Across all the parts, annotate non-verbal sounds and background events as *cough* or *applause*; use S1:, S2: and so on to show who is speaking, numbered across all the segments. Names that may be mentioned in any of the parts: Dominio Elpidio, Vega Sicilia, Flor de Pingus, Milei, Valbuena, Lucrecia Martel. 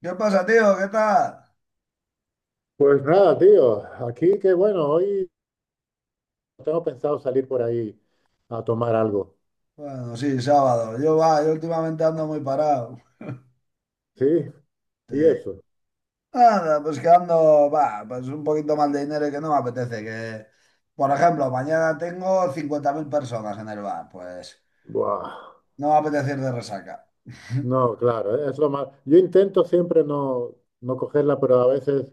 S1: ¿Qué pasa, tío? ¿Qué tal?
S2: Pues nada, tío, aquí que bueno, hoy tengo pensado salir por ahí a tomar algo.
S1: Bueno, sí, sábado. Yo, va, yo últimamente ando muy parado.
S2: ¿Sí?
S1: Sí.
S2: Y eso,
S1: Nada, pues que ando, va, pues un poquito mal de dinero y que no me apetece. Que, por ejemplo, mañana tengo 50.000 personas en el bar. Pues
S2: buah,
S1: no me apetece ir de resaca. *laughs*
S2: no, claro, es lo más. Yo intento siempre no cogerla, pero a veces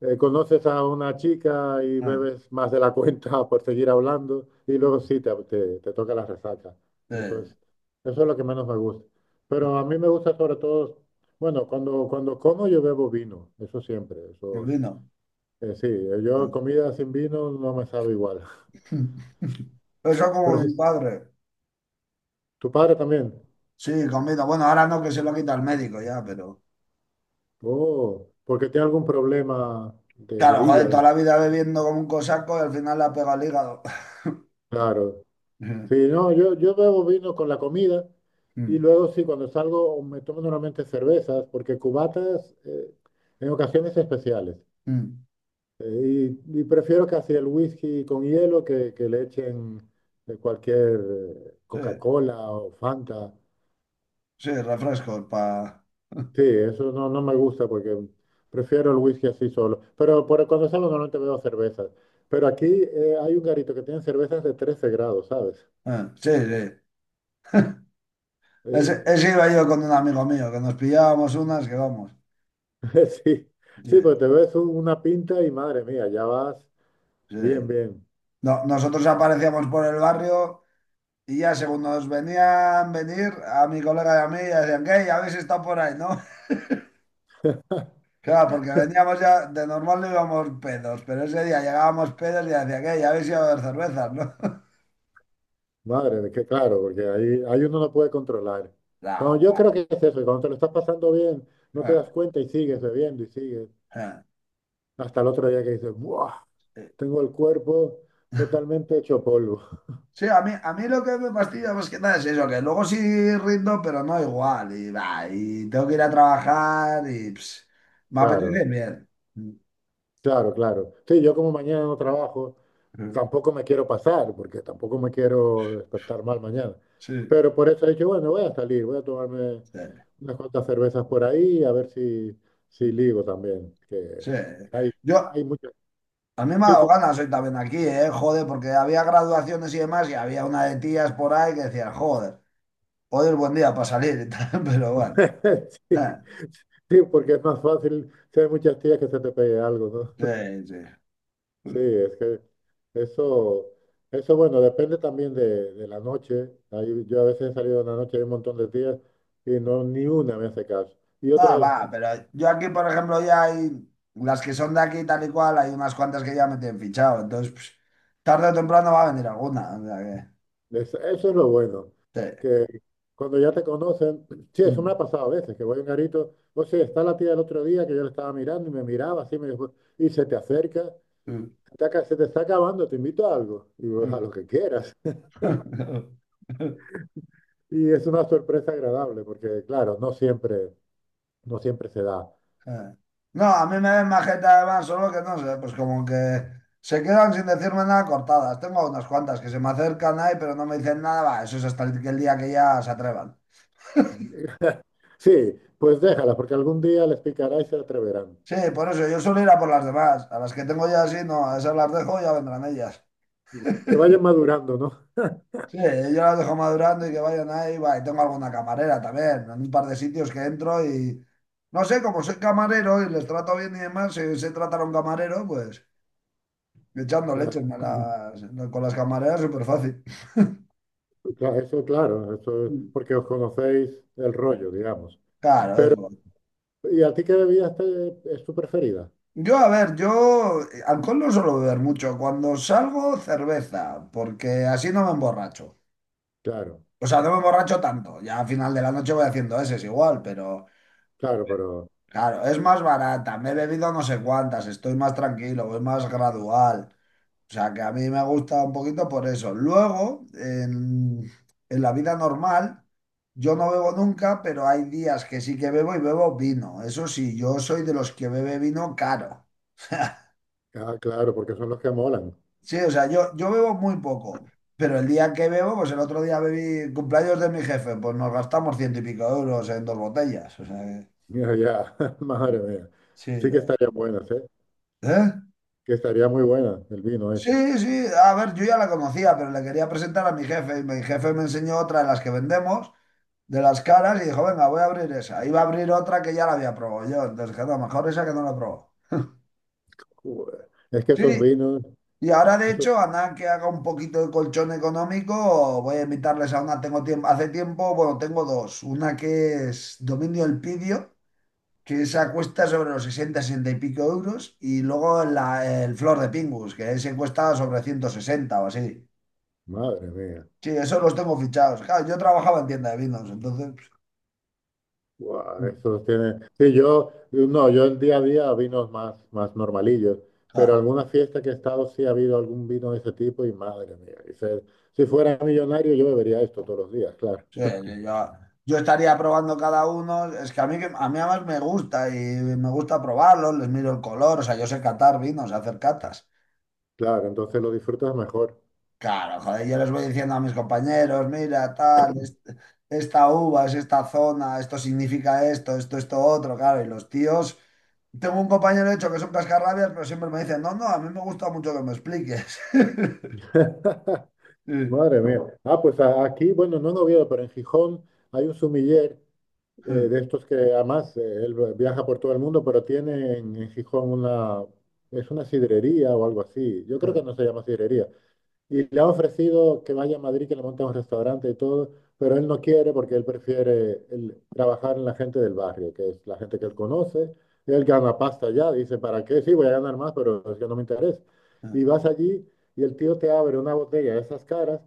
S2: conoces a una chica y
S1: Ah,
S2: bebes más de la cuenta *laughs* por seguir hablando y luego sí te toca la resaca.
S1: sí,
S2: Y Eso es, eso es lo que menos me gusta. Pero a mí me gusta sobre todo, bueno, cuando como yo bebo vino, eso siempre,
S1: el
S2: eso.
S1: vino.
S2: Sí, yo
S1: Ah.
S2: comida sin vino no me sabe igual. *laughs*
S1: *laughs* Eso
S2: Pero
S1: como
S2: sí,
S1: mi padre.
S2: tu padre también.
S1: Sí, con vino. Bueno, ahora no, que se lo quita el médico ya, pero...
S2: Oh, porque tiene algún problema
S1: Claro,
S2: de
S1: joder, toda
S2: hígado.
S1: la vida bebiendo como un cosaco y al final le ha pegado el hígado. *laughs*
S2: Claro. Sí, no, yo bebo vino con la comida y
S1: Mm.
S2: luego sí, cuando salgo me tomo normalmente cervezas, porque cubatas en ocasiones especiales.
S1: Mm.
S2: Y prefiero casi el whisky con hielo que le echen cualquier
S1: Sí,
S2: Coca-Cola o Fanta.
S1: sí, refrescos para... *laughs*
S2: Sí, eso no, no me gusta porque prefiero el whisky así solo. Pero por, cuando salgo normalmente veo cervezas. Pero aquí hay un garito que tiene cervezas de 13 grados, ¿sabes?
S1: Sí, sí. Ese,
S2: Eh,
S1: ese iba yo con un amigo mío, que nos pillábamos unas que vamos.
S2: *laughs* sí,
S1: Sí,
S2: sí, pues te ves una pinta y madre mía, ya vas
S1: sí.
S2: bien, bien.
S1: No, nosotros aparecíamos por el barrio y ya según nos venían venir, a mi colega y a mí ya decían, ¿qué? ¿Ya habéis estado por ahí, no? *laughs* Claro, porque veníamos ya, de normal no íbamos pedos, pero ese día llegábamos pedos y decían, ¿qué? ¿Ya habéis ido a ver cervezas, no? *laughs*
S2: Madre, de que claro, porque ahí uno no puede controlar. Cuando
S1: No,
S2: yo creo que es eso, y cuando te lo estás pasando bien, no te das cuenta y sigues bebiendo y sigues.
S1: bueno.
S2: Hasta el otro día que dices, ¡buah! Tengo el cuerpo totalmente hecho polvo.
S1: Sí, a mí lo que me fastidia más que nada es eso, que luego sí rindo, pero no igual. Y, va, y tengo que ir a trabajar y ps, me apetece
S2: Claro.
S1: bien.
S2: Claro, claro. Sí, yo como mañana no trabajo, tampoco me quiero pasar, porque tampoco me quiero despertar mal mañana.
S1: Sí,
S2: Pero por eso he dicho, bueno, voy a salir, voy a tomarme
S1: sí,
S2: unas cuantas cervezas por ahí, a ver si, si ligo también, que
S1: sí.
S2: hay,
S1: Yo,
S2: hay muchas...
S1: a mí me ha
S2: Sí,
S1: dado
S2: sí.
S1: ganas hoy también aquí, ¿eh? Joder, porque había graduaciones y demás y había una de tías por ahí que decían, joder, hoy es buen día para salir y tal, *laughs* pero bueno.
S2: *laughs* sí,
S1: *laughs*
S2: sí, porque es más fácil si hay muchas tías que se te pegue algo, ¿no?
S1: Sí,
S2: Sí,
S1: sí.
S2: es que eso, eso bueno, depende también de la noche. Ahí yo a veces he salido en la noche hay un montón de días y no ni una me hace caso. Y
S1: Ah,
S2: otras,
S1: va, pero yo aquí, por ejemplo, ya hay las que son de aquí tal y cual, hay unas cuantas que ya me tienen fichado, entonces pues, tarde o temprano va a venir alguna. O sea
S2: eso es lo bueno,
S1: que, sí.
S2: que cuando ya te conocen, *clears throat* sí, eso me ha pasado a veces, que voy a un garito, o sea, está la tía del otro día que yo le estaba mirando y me miraba así, me dijo, y se te acerca,
S1: *laughs* Mm,
S2: Se te está acabando, te invito a algo", y yo,
S1: mm,
S2: "a
S1: mm.
S2: lo que quieras". *laughs*
S1: *laughs*
S2: Y es una sorpresa agradable, porque claro, no siempre, no siempre se da.
S1: Eh. No, a mí me ven majeta además, solo que no sé, pues como que se quedan sin decirme nada cortadas. Tengo unas cuantas que se me acercan ahí, pero no me dicen nada, va, eso es hasta el, que el día que ya se atrevan.
S2: Sí, pues déjala, porque algún día les picará y se atreverán.
S1: Sí, por eso yo suelo ir a por las demás, a las que tengo ya así, no, a esas las dejo, ya vendrán ellas.
S2: Que vayan madurando, ¿no?
S1: Sí, yo las dejo madurando y que vayan ahí. Va, y tengo alguna camarera también, en un par de sitios que entro y no sé, como soy camarero y les trato bien y demás, si sé tratar a un camarero, pues echando
S2: Ya,
S1: leche me
S2: *clears throat*
S1: las- con las camareras súper fácil.
S2: ya. Eso, claro, eso es porque os conocéis el rollo, digamos.
S1: Claro,
S2: Pero,
S1: eso.
S2: ¿y a ti qué es tu preferida?
S1: Yo, a ver, yo alcohol no suelo beber mucho. Cuando salgo, cerveza, porque así no me emborracho.
S2: Claro,
S1: O sea, no me emborracho tanto. Ya al final de la noche voy haciendo ese, es igual, pero
S2: claro, pero,
S1: claro, es más barata, me he bebido no sé cuántas, estoy más tranquilo, voy más gradual. O sea, que a mí me gusta un poquito por eso. Luego, en la vida normal, yo no bebo nunca, pero hay días que sí que bebo y bebo vino. Eso sí, yo soy de los que bebe vino caro.
S2: ah, claro, porque son los que molan.
S1: Sí, o sea, yo bebo muy poco, pero el día que bebo, pues el otro día bebí cumpleaños de mi jefe, pues nos gastamos ciento y pico euros en dos botellas. O sea, que-
S2: Ya, ya, *laughs* madre mía.
S1: sí,
S2: Sí que estarían buenas, ¿eh?
S1: ¿eh?
S2: Que estaría muy buena el vino ese.
S1: Sí, sí, a ver, yo ya la conocía, pero le quería presentar a mi jefe y mi jefe me enseñó otra de las que vendemos, de las caras, y dijo, venga, voy a abrir esa. Iba a abrir otra que ya la había probado yo, entonces dije, no, mejor esa que no la probó.
S2: Joder, es que esos
S1: Sí,
S2: vinos,
S1: y ahora de
S2: esos,
S1: hecho, a nada que haga un poquito de colchón económico, voy a invitarles a una, tengo tiempo, hace tiempo, bueno, tengo dos, una que es Dominio Elpidio, que esa cuesta sobre los 60, 60 y pico euros, y luego la- el Flor de Pingus, que ese cuesta sobre 160 o así.
S2: madre mía.
S1: Sí, eso los tengo fichados. Claro, yo trabajaba en tienda de vinos, entonces, pues,
S2: Guau, esos tienen. Sí, yo, no, yo el día a día vinos más, más normalillos, pero
S1: claro,
S2: alguna fiesta que he estado sí ha habido algún vino de ese tipo y madre mía, si fuera millonario yo bebería esto todos los días, claro,
S1: sí, sí, yo estaría probando cada uno. Es que- a mí además me gusta y me gusta probarlos, les miro el color, o sea, yo sé catar vinos, hacer catas.
S2: claro, entonces lo disfrutas mejor.
S1: Claro, joder, yo les voy diciendo a mis compañeros, mira, tal, est- esta uva es esta zona, esto significa esto, esto, esto, otro, claro, y los tíos... Tengo un compañero, de hecho, que son cascarrabias, pero siempre me dicen, no, no, a mí me gusta mucho que me expliques. *laughs*
S2: *laughs*
S1: Sí,
S2: Madre mía. Ah, pues aquí, bueno, no en Oviedo, pero en Gijón hay un sumiller
S1: sí,
S2: de estos que además él viaja por todo el mundo, pero tiene en Gijón una, es una sidrería o algo así. Yo creo que no se llama sidrería. Y le ha ofrecido que vaya a Madrid, que le monte un restaurante y todo, pero él no quiere porque él prefiere trabajar en la gente del barrio, que es la gente que
S1: sí.
S2: él conoce. Él gana pasta ya, dice, ¿para qué? Sí, voy a ganar más, pero es que no me interesa.
S1: Mm,
S2: Y vas allí y el tío te abre una botella de esas caras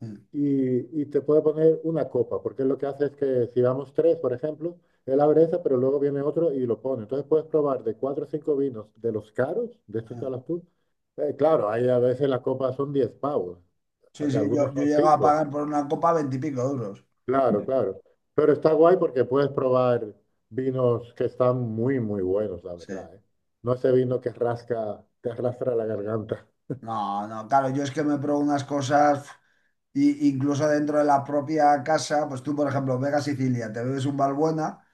S1: mm,
S2: y te puede poner una copa, porque lo que hace es que si vamos tres, por ejemplo, él abre esa, pero luego viene otro y lo pone. Entonces puedes probar de cuatro o cinco vinos de los caros, de estos que
S1: mm.
S2: hablas tú. Claro, ahí a veces la copa son 10 pavos,
S1: Sí,
S2: de
S1: sí, yo,
S2: algunos
S1: yo
S2: son
S1: llego a
S2: cinco,
S1: pagar por una copa veintipico euros.
S2: claro, claro. Pero está guay porque puedes probar vinos que están muy, muy buenos, la
S1: Sí.
S2: verdad, ¿eh? No ese vino que rasca, te arrastra la garganta.
S1: No, no, claro, yo es que me pruebo unas cosas, pf, y, incluso dentro de la propia casa, pues tú, por ejemplo, Vega Sicilia, te bebes un valbuena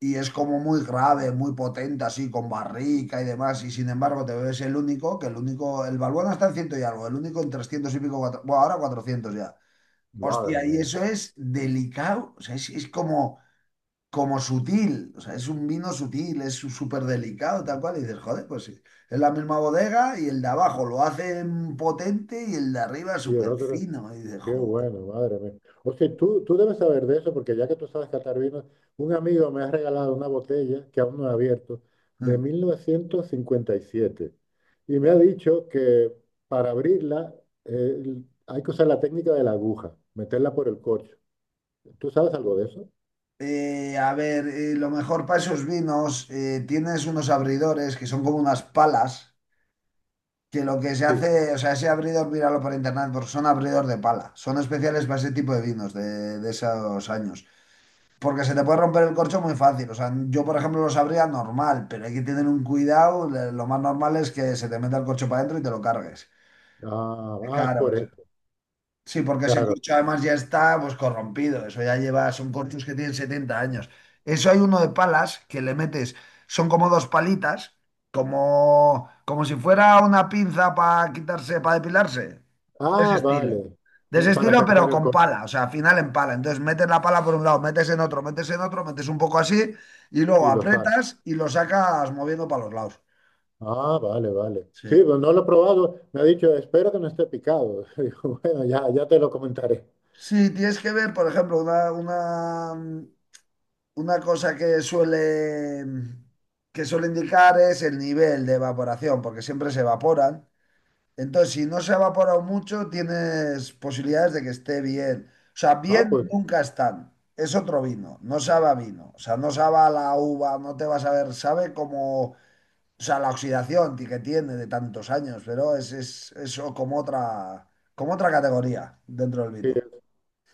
S1: y es como muy grave, muy potente, así, con barrica y demás, y sin embargo te bebes el único, que el único, el valbuena está en ciento y algo, el único en 300 y pico, cuatro- bueno, ahora 400 ya.
S2: Madre
S1: Hostia, y
S2: mía.
S1: eso es delicado, o sea, es como... como sutil, o sea, es un vino sutil, es su- súper delicado, tal cual, y dices, joder, pues sí, es la misma bodega y el de abajo lo hacen potente y el de arriba es
S2: Y el
S1: súper
S2: otro,
S1: fino, y dices,
S2: qué
S1: joder.
S2: bueno, madre mía. O sea, tú debes saber de eso, porque ya que tú sabes catar vinos, un amigo me ha regalado una botella que aún no he abierto, de
S1: Mm.
S2: 1957. Y siete. Y me ha dicho que para abrirla eh, hay que usar la técnica de la aguja, meterla por el corcho. ¿Tú sabes algo de eso?
S1: A ver, lo mejor para esos vinos, tienes unos abridores que son como unas palas, que lo que se
S2: Sí.
S1: hace, o sea, ese abridor, míralo por internet, porque son abridor de pala, son especiales para ese tipo de vinos de esos años. Porque se te puede romper el corcho muy fácil. O sea, yo, por ejemplo, lo sabría normal, pero hay que tener un cuidado. Le- Lo más normal es que se te meta el corcho para adentro y te lo cargues.
S2: Ah, ah, es
S1: Claro,
S2: por
S1: es-
S2: eso,
S1: sí, porque ese
S2: claro.
S1: corcho además ya está pues corrompido. Eso ya lleva, son corchos que tienen 70 años. Eso hay uno de palas que le metes, son como dos palitas, como, como si fuera una pinza para quitarse, para depilarse de ese
S2: Ah,
S1: estilo.
S2: vale.
S1: De
S2: Ya,
S1: ese
S2: para
S1: estilo, pero
S2: sacar el
S1: con
S2: corcho.
S1: pala, o sea, al final en pala. Entonces metes la pala por un lado, metes en otro, metes en otro, metes un poco así y luego
S2: Y lo saco.
S1: apretas y lo sacas moviendo para los lados.
S2: Ah, vale, vale. Sí,
S1: Sí.
S2: pues no lo he probado. Me ha dicho, espero que no esté picado. *laughs* Digo, bueno, ya, ya te lo comentaré.
S1: Sí, tienes que ver, por ejemplo, una cosa que suele indicar es el nivel de evaporación, porque siempre se evaporan. Entonces, si no se ha evaporado mucho, tienes posibilidades de que esté bien. O sea,
S2: Ah,
S1: bien
S2: pues
S1: nunca están. Es otro vino, no sabe a vino. O sea, no sabe a la uva, no te vas a ver, sabe como, o sea, la oxidación ti- que tiene de tantos años, pero es eso como otra categoría dentro del
S2: sí,
S1: vino.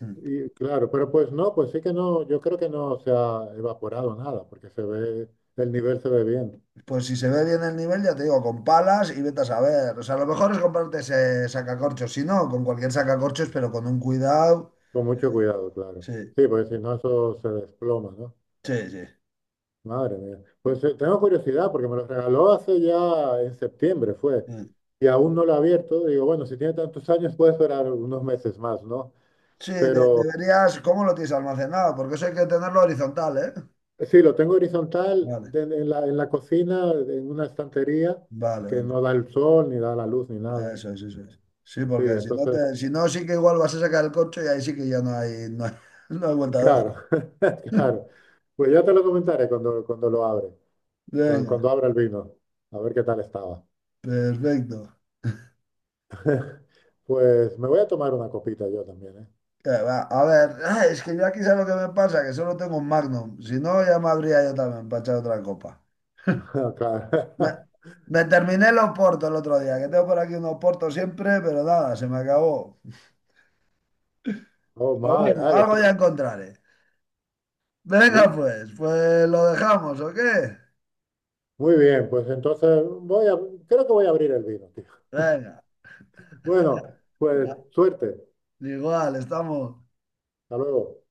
S1: *laughs* Mm.
S2: y claro, pero pues no, pues sí que no, yo creo que no se ha evaporado nada, porque se ve, el nivel se ve bien,
S1: Pues si se ve bien el nivel, ya te digo, con palas y vete a saber. O sea, lo mejor es comprarte ese sacacorchos, si no, con cualquier sacacorchos, pero con un cuidado.
S2: con mucho cuidado, claro.
S1: Sí,
S2: Sí, pues si no eso se desploma, ¿no?
S1: sí,
S2: Madre mía. Pues tengo curiosidad, porque me lo regaló hace ya en septiembre, fue,
S1: sí.
S2: y aún no lo he abierto. Digo, bueno, si tiene tantos años puede esperar unos meses más, ¿no?
S1: Sí, de-
S2: Pero
S1: deberías, ¿cómo lo tienes almacenado? Porque eso hay que tenerlo horizontal, ¿eh?
S2: sí, lo tengo horizontal
S1: Vale,
S2: en la cocina, en una estantería
S1: vale,
S2: que
S1: vale.
S2: no da el sol, ni da la luz, ni nada.
S1: Eso es, eso es. Sí,
S2: Sí,
S1: porque si no,
S2: entonces,
S1: te, si no, sí que igual vas a sacar el coche y ahí sí que ya no hay, no hay, *laughs* no hay vuelta de
S2: claro,
S1: hoja.
S2: *laughs*
S1: *laughs*
S2: claro. Pues ya te lo comentaré cuando, cuando lo abre, cuando,
S1: Venga,
S2: cuando abra el vino, a ver qué tal estaba.
S1: perfecto.
S2: *laughs* Pues me voy a tomar una copita yo también, ¿eh?
S1: Que va, a ver, ah, es que yo aquí sabes lo que me pasa, que solo tengo un Magnum. Si no, ya me habría yo también para echar otra copa. Me,
S2: *laughs* Claro.
S1: me terminé los portos el otro día, que tengo por aquí unos portos siempre, pero nada, se me acabó.
S2: *laughs* Oh,
S1: Pero
S2: madre.
S1: bueno,
S2: Ah,
S1: algo ya encontraré. Venga,
S2: uy.
S1: pues, pues lo dejamos, ¿o qué?
S2: Muy bien, pues entonces voy a, creo que voy a abrir el vino, tío.
S1: Venga,
S2: *laughs* Bueno, pues
S1: ah,
S2: suerte.
S1: igual, estamos.
S2: Hasta luego.